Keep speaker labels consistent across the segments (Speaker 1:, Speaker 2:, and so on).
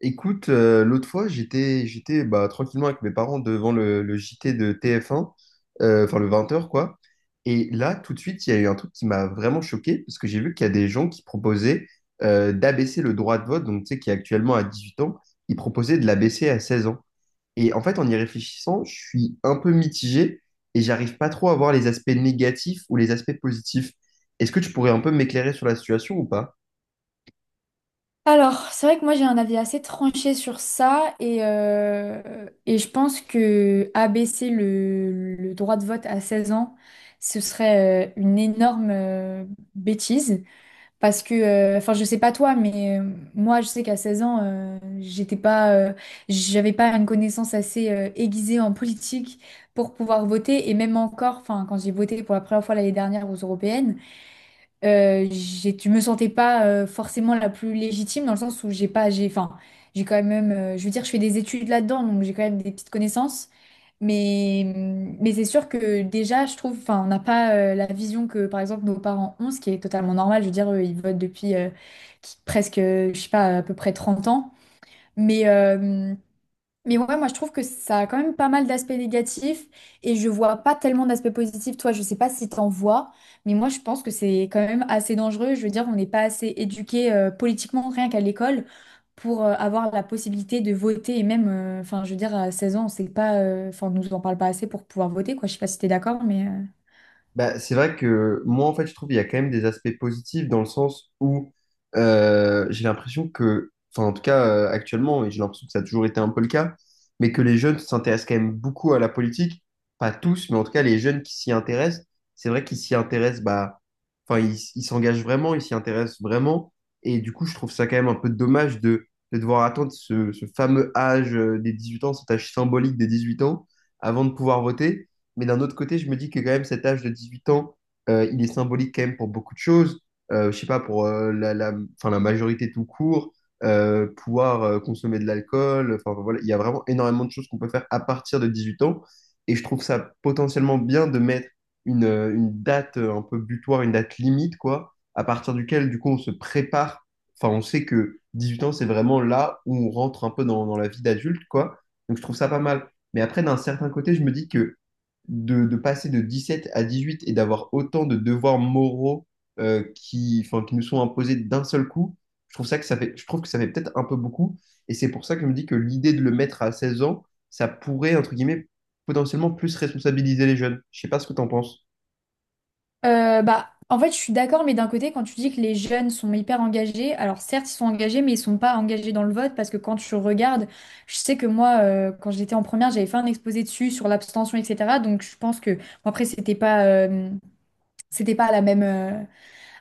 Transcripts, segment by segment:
Speaker 1: Écoute, l'autre fois, j'étais tranquillement avec mes parents devant le JT de TF1, enfin le 20 heures, quoi. Et là, tout de suite, il y a eu un truc qui m'a vraiment choqué, parce que j'ai vu qu'il y a des gens qui proposaient d'abaisser le droit de vote, donc tu sais, qui est actuellement à 18 ans, ils proposaient de l'abaisser à 16 ans. Et en fait, en y réfléchissant, je suis un peu mitigé et j'arrive pas trop à voir les aspects négatifs ou les aspects positifs. Est-ce que tu pourrais un peu m'éclairer sur la situation ou pas?
Speaker 2: Alors, c'est vrai que moi j'ai un avis assez tranché sur ça et je pense que abaisser le droit de vote à 16 ans, ce serait une énorme bêtise parce que, enfin je sais pas toi, mais moi je sais qu'à 16 ans, j'avais pas une connaissance assez aiguisée en politique pour pouvoir voter et même encore, enfin quand j'ai voté pour la première fois l'année dernière aux européennes, je me sentais pas forcément la plus légitime dans le sens où j'ai pas, j'ai, enfin, j'ai quand même, je veux dire, je fais des études là-dedans, donc j'ai quand même des petites connaissances, mais, mais c'est sûr que déjà, je trouve, enfin, on n'a pas la vision que, par exemple, nos parents ont, ce qui est totalement normal. Je veux dire, eux, ils votent depuis, presque, je sais pas, à peu près 30 ans, mais euh, mais ouais, moi je trouve que ça a quand même pas mal d'aspects négatifs et je vois pas tellement d'aspects positifs. Toi, je sais pas si t'en vois, mais moi je pense que c'est quand même assez dangereux. Je veux dire, on n'est pas assez éduqué politiquement, rien qu'à l'école, pour avoir la possibilité de voter et même, enfin, je veux dire, à 16 ans, on sait pas, enfin, on nous en parle pas assez pour pouvoir voter, quoi. Je sais pas si t'es d'accord, mais.
Speaker 1: Bah, c'est vrai que moi, en fait, je trouve qu'il y a quand même des aspects positifs dans le sens où j'ai l'impression que, enfin, en tout cas, actuellement, et j'ai l'impression que ça a toujours été un peu le cas, mais que les jeunes s'intéressent quand même beaucoup à la politique. Pas tous, mais en tout cas, les jeunes qui s'y intéressent, c'est vrai qu'ils s'y intéressent, bah, enfin, ils s'engagent vraiment, ils s'y intéressent vraiment. Et du coup, je trouve ça quand même un peu dommage de devoir attendre ce fameux âge des 18 ans, cet âge symbolique des 18 ans, avant de pouvoir voter. Mais d'un autre côté, je me dis que quand même cet âge de 18 ans, il est symbolique quand même pour beaucoup de choses. Je sais pas, pour enfin, la majorité tout court, pouvoir consommer de l'alcool. Enfin, voilà, il y a vraiment énormément de choses qu'on peut faire à partir de 18 ans. Et je trouve ça potentiellement bien de mettre une date un peu butoir, une date limite, quoi, à partir duquel, du coup, on se prépare. Enfin, on sait que 18 ans, c'est vraiment là où on rentre un peu dans la vie d'adulte, quoi. Donc je trouve ça pas mal. Mais après, d'un certain côté, je me dis que de passer de 17 à 18 et d'avoir autant de devoirs moraux enfin, qui nous sont imposés d'un seul coup, je trouve que ça fait peut-être un peu beaucoup. Et c'est pour ça que je me dis que l'idée de le mettre à 16 ans, ça pourrait, entre guillemets, potentiellement plus responsabiliser les jeunes. Je sais pas ce que t'en penses.
Speaker 2: Bah, en fait, je suis d'accord, mais d'un côté, quand tu dis que les jeunes sont hyper engagés, alors certes, ils sont engagés, mais ils sont pas engagés dans le vote, parce que quand je regarde, je sais que moi, quand j'étais en première, j'avais fait un exposé dessus sur l'abstention, etc. Donc, je pense que, bon, après, c'était pas la même,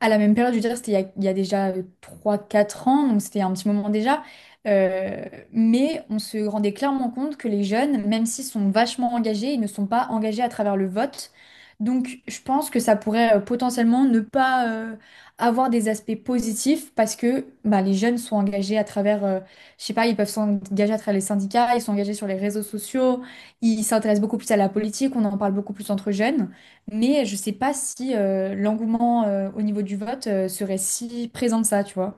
Speaker 2: à la même période, je veux dire, c'était il y a déjà 3, 4 ans, donc c'était un petit moment déjà. Euh, mais on se rendait clairement compte que les jeunes, même s'ils sont vachement engagés, ils ne sont pas engagés à travers le vote. Donc je pense que ça pourrait potentiellement ne pas avoir des aspects positifs, parce que bah, les jeunes sont engagés à travers, je sais pas, ils peuvent s'engager à travers les syndicats, ils sont engagés sur les réseaux sociaux, ils s'intéressent beaucoup plus à la politique, on en parle beaucoup plus entre jeunes. Mais je ne sais pas si l'engouement au niveau du vote serait si présent que ça, tu vois.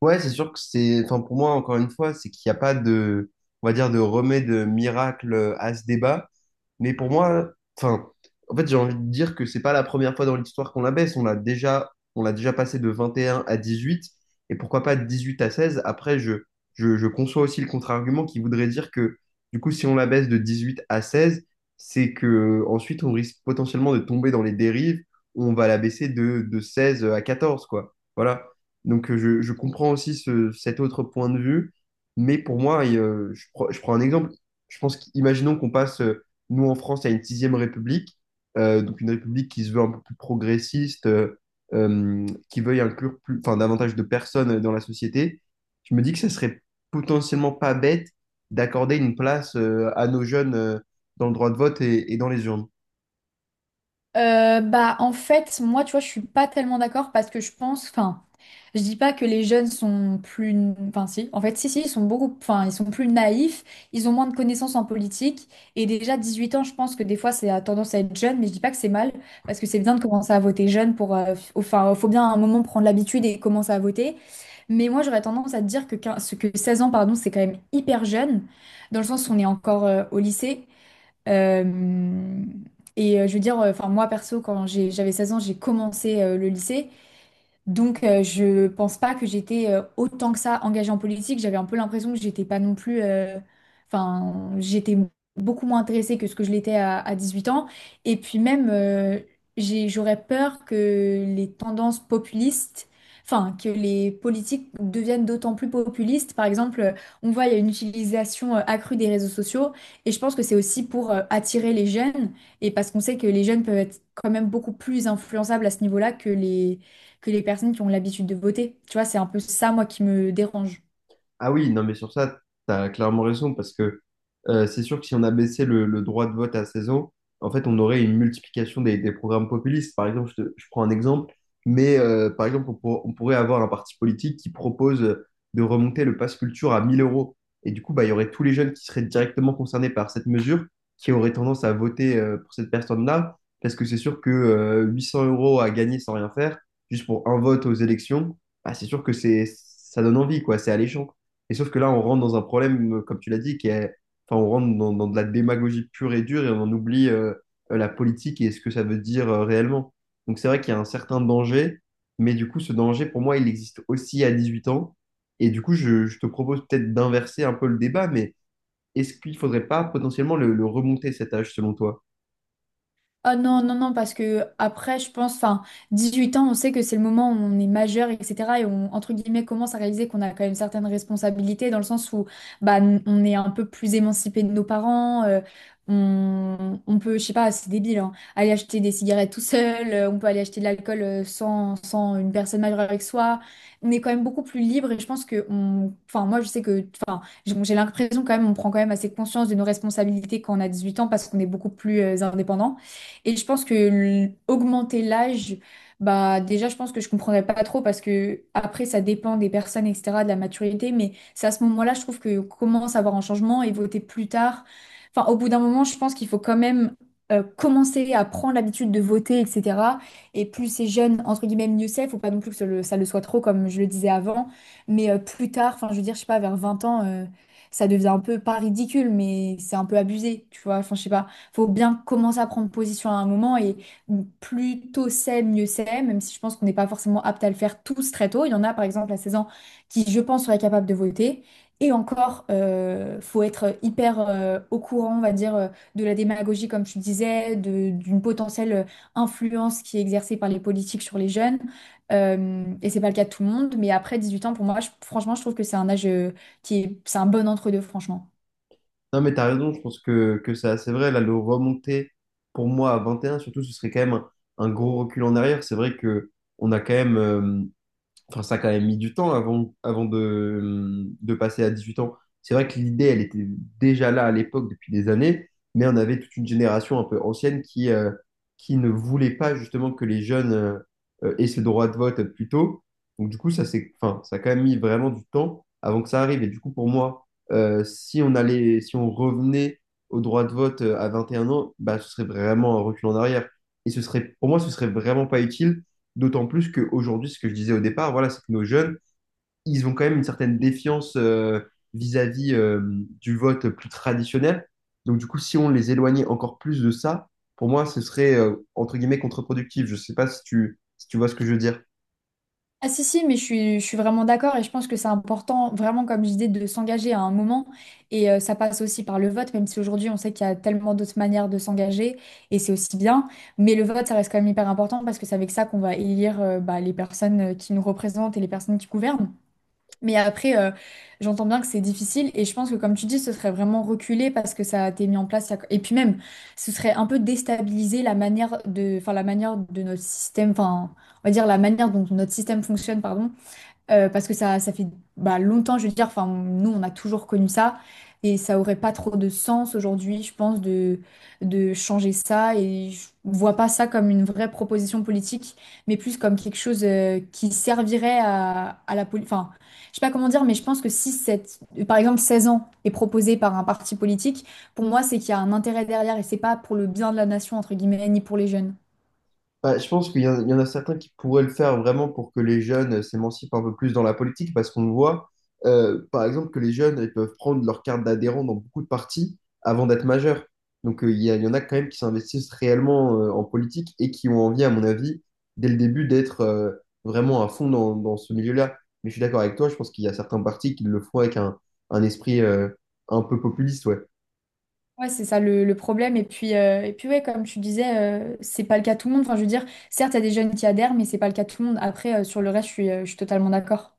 Speaker 1: Ouais, c'est sûr que c'est, enfin, pour moi, encore une fois, c'est qu'il n'y a pas de, on va dire, de remède miracle à ce débat. Mais pour moi, enfin, en fait, j'ai envie de dire que c'est pas la première fois dans l'histoire qu'on la baisse. On l'a déjà passé de 21 à 18, et pourquoi pas de 18 à 16. Après, je conçois aussi le contre-argument qui voudrait dire que, du coup, si on la baisse de 18 à 16, c'est que ensuite on risque potentiellement de tomber dans les dérives où on va la baisser de 16 à 14, quoi. Voilà. Donc, je comprends aussi ce- cet autre point de vue, mais pour moi, je prends un exemple. Je pense qu'imaginons qu'on passe. Nous, en France, il y a une sixième république, donc une république qui se veut un peu plus progressiste, euh, qui veuille inclure plus, enfin, davantage de personnes dans la société. Je me dis que ça serait potentiellement pas bête d'accorder une place à nos jeunes dans le droit de vote et dans les urnes.
Speaker 2: Bah en fait, moi, tu vois, je suis pas tellement d'accord parce que je pense, enfin. Je dis pas que les jeunes sont plus, enfin si, en fait si, ils sont beaucoup, enfin ils sont plus naïfs, ils ont moins de connaissances en politique, et déjà 18 ans, je pense que des fois c'est a tendance à être jeune, mais je dis pas que c'est mal parce que c'est bien de commencer à voter jeune pour, enfin faut bien à un moment prendre l'habitude et commencer à voter, mais moi j'aurais tendance à te dire que 15 que 16 ans, pardon, c'est quand même hyper jeune dans le sens où on est encore au lycée. Euh, Et je veux dire, enfin moi perso, quand j'avais 16 ans, j'ai commencé le lycée. Donc, je pense pas que j'étais autant que ça engagée en politique. J'avais un peu l'impression que j'étais pas non plus. Enfin, j'étais beaucoup moins intéressée que ce que je l'étais à, 18 ans. Et puis même, j'aurais peur que les tendances populistes, enfin, que les politiques deviennent d'autant plus populistes. Par exemple, on voit il y a une utilisation accrue des réseaux sociaux, et je pense que c'est aussi pour attirer les jeunes, et parce qu'on sait que les jeunes peuvent être quand même beaucoup plus influençables à ce niveau-là que les personnes qui ont l'habitude de voter. Tu vois, c'est un peu ça, moi, qui me dérange.
Speaker 1: Ah oui, non, mais sur ça, tu as clairement raison, parce que c'est sûr que si on abaissait le droit de vote à 16 ans, en fait, on aurait une multiplication des programmes populistes. Par exemple, je prends un exemple, mais par exemple, on pourrait avoir un parti politique qui propose de remonter le pass culture à 1000 euros. Et du coup, bah, il y aurait tous les jeunes qui seraient directement concernés par cette mesure, qui auraient tendance à voter pour cette personne-là, parce que c'est sûr que 800 euros à gagner sans rien faire, juste pour un vote aux élections, bah, c'est sûr que c'est, ça donne envie, quoi, c'est alléchant. Et sauf que là, on rentre dans un problème, comme tu l'as dit, qui est, enfin, on rentre dans de la démagogie pure et dure et on en oublie la politique et ce que ça veut dire réellement. Donc c'est vrai qu'il y a un certain danger, mais du coup, ce danger, pour moi, il existe aussi à 18 ans. Et du coup, je te propose peut-être d'inverser un peu le débat, mais est-ce qu'il ne faudrait pas potentiellement le remonter cet âge selon toi?
Speaker 2: Ah non, non, non, parce que après, je pense, enfin, 18 ans, on sait que c'est le moment où on est majeur, etc. Et on, entre guillemets, commence à réaliser qu'on a quand même certaines responsabilités, dans le sens où bah, on est un peu plus émancipé de nos parents, on peut, je sais pas, c'est débile, hein, aller acheter des cigarettes tout seul, on peut aller acheter de l'alcool sans une personne majeure avec soi. On est quand même beaucoup plus libre et je pense que, on, enfin, moi, je sais que, enfin, j'ai l'impression quand même, on prend quand même assez conscience de nos responsabilités quand on a 18 ans parce qu'on est beaucoup plus indépendant. Et je pense que augmenter l'âge, bah déjà, je pense que je comprendrais pas trop, parce que après, ça dépend des personnes, etc., de la maturité. Mais c'est à ce moment-là, je trouve, que commence à avoir un changement, et voter plus tard, enfin, au bout d'un moment, je pense qu'il faut quand même commencer à prendre l'habitude de voter, etc. Et plus c'est jeune, entre guillemets, mieux c'est. Faut pas non plus que ça le soit trop, comme je le disais avant. Mais plus tard, enfin, je veux dire, je sais pas, vers 20 ans, ça devient un peu, pas ridicule, mais c'est un peu abusé, tu vois. Enfin, je sais pas, faut bien commencer à prendre position à un moment, et plus tôt c'est, mieux c'est, même si je pense qu'on n'est pas forcément apte à le faire tous très tôt. Il y en a par exemple à 16 ans qui, je pense, seraient capables de voter. Et encore, faut être hyper au courant, on va dire, de la démagogie, comme tu disais, d'une potentielle influence qui est exercée par les politiques sur les jeunes. Et c'est pas le cas de tout le monde, mais après 18 ans, pour moi, franchement, je trouve que c'est un âge c'est un bon entre-deux, franchement.
Speaker 1: Non, mais t'as raison, je pense que ça, c'est vrai, là, le remonter pour moi à 21, surtout, ce serait quand même un gros recul en arrière. C'est vrai que on a quand même, enfin, ça a quand même mis du temps avant de passer à 18 ans. C'est vrai que l'idée, elle était déjà là à l'époque depuis des années, mais on avait toute une génération un peu ancienne qui ne voulait pas justement que les jeunes aient ce droit de vote plus tôt. Donc du coup, ça, c'est, enfin, ça a quand même mis vraiment du temps avant que ça arrive. Et du coup, pour moi, si on allait, si on revenait au droit de vote à 21 ans, bah, ce serait vraiment un recul en arrière. Et ce serait, pour moi, ce serait vraiment pas utile. D'autant plus qu'aujourd'hui, ce que je disais au départ, voilà, c'est que nos jeunes, ils ont quand même une certaine défiance vis-à-vis du vote plus traditionnel. Donc du coup, si on les éloignait encore plus de ça, pour moi, ce serait entre guillemets contre-productif. Je ne sais pas si si tu vois ce que je veux dire.
Speaker 2: Ah si mais je suis vraiment d'accord, et je pense que c'est important, vraiment, comme je disais, de s'engager à un moment, et ça passe aussi par le vote, même si aujourd'hui on sait qu'il y a tellement d'autres manières de s'engager, et c'est aussi bien, mais le vote ça reste quand même hyper important, parce que c'est avec ça qu'on va élire bah, les personnes qui nous représentent et les personnes qui gouvernent. Mais après, j'entends bien que c'est difficile, et je pense que, comme tu dis, ce serait vraiment reculé parce que ça a été mis en place. Et puis même, ce serait un peu déstabiliser la manière de, enfin la manière de notre système, enfin, on va dire, la manière dont notre système fonctionne, pardon, parce que ça, fait bah, longtemps, je veux dire, enfin, nous, on a toujours connu ça, et ça aurait pas trop de sens aujourd'hui, je pense, de, changer ça, et je vois pas ça comme une vraie proposition politique, mais plus comme quelque chose qui servirait à, la politique, enfin, je sais pas comment dire, mais je pense que si cette, par exemple, 16 ans est proposé par un parti politique, pour moi, c'est qu'il y a un intérêt derrière, et c'est pas pour le bien de la nation, entre guillemets, ni pour les jeunes.
Speaker 1: Bah, je pense qu'il y, en il y en a certains qui pourraient le faire vraiment pour que les jeunes s'émancipent un peu plus dans la politique, parce qu'on voit, par exemple, que les jeunes ils peuvent prendre leur carte d'adhérent dans beaucoup de partis avant d'être majeurs. Donc, il y en a quand même qui s'investissent réellement en politique et qui ont envie, à mon avis, dès le début, d'être vraiment à fond dans ce milieu-là. Mais je suis d'accord avec toi, je pense qu'il y a certains partis qui le font avec un esprit un peu populiste, ouais.
Speaker 2: Ouais, c'est ça le problème. Et puis ouais, comme tu disais, c'est pas le cas de tout le monde. Enfin, je veux dire, certes, il y a des jeunes qui adhèrent, mais c'est pas le cas de tout le monde. Après, sur le reste, je suis totalement d'accord.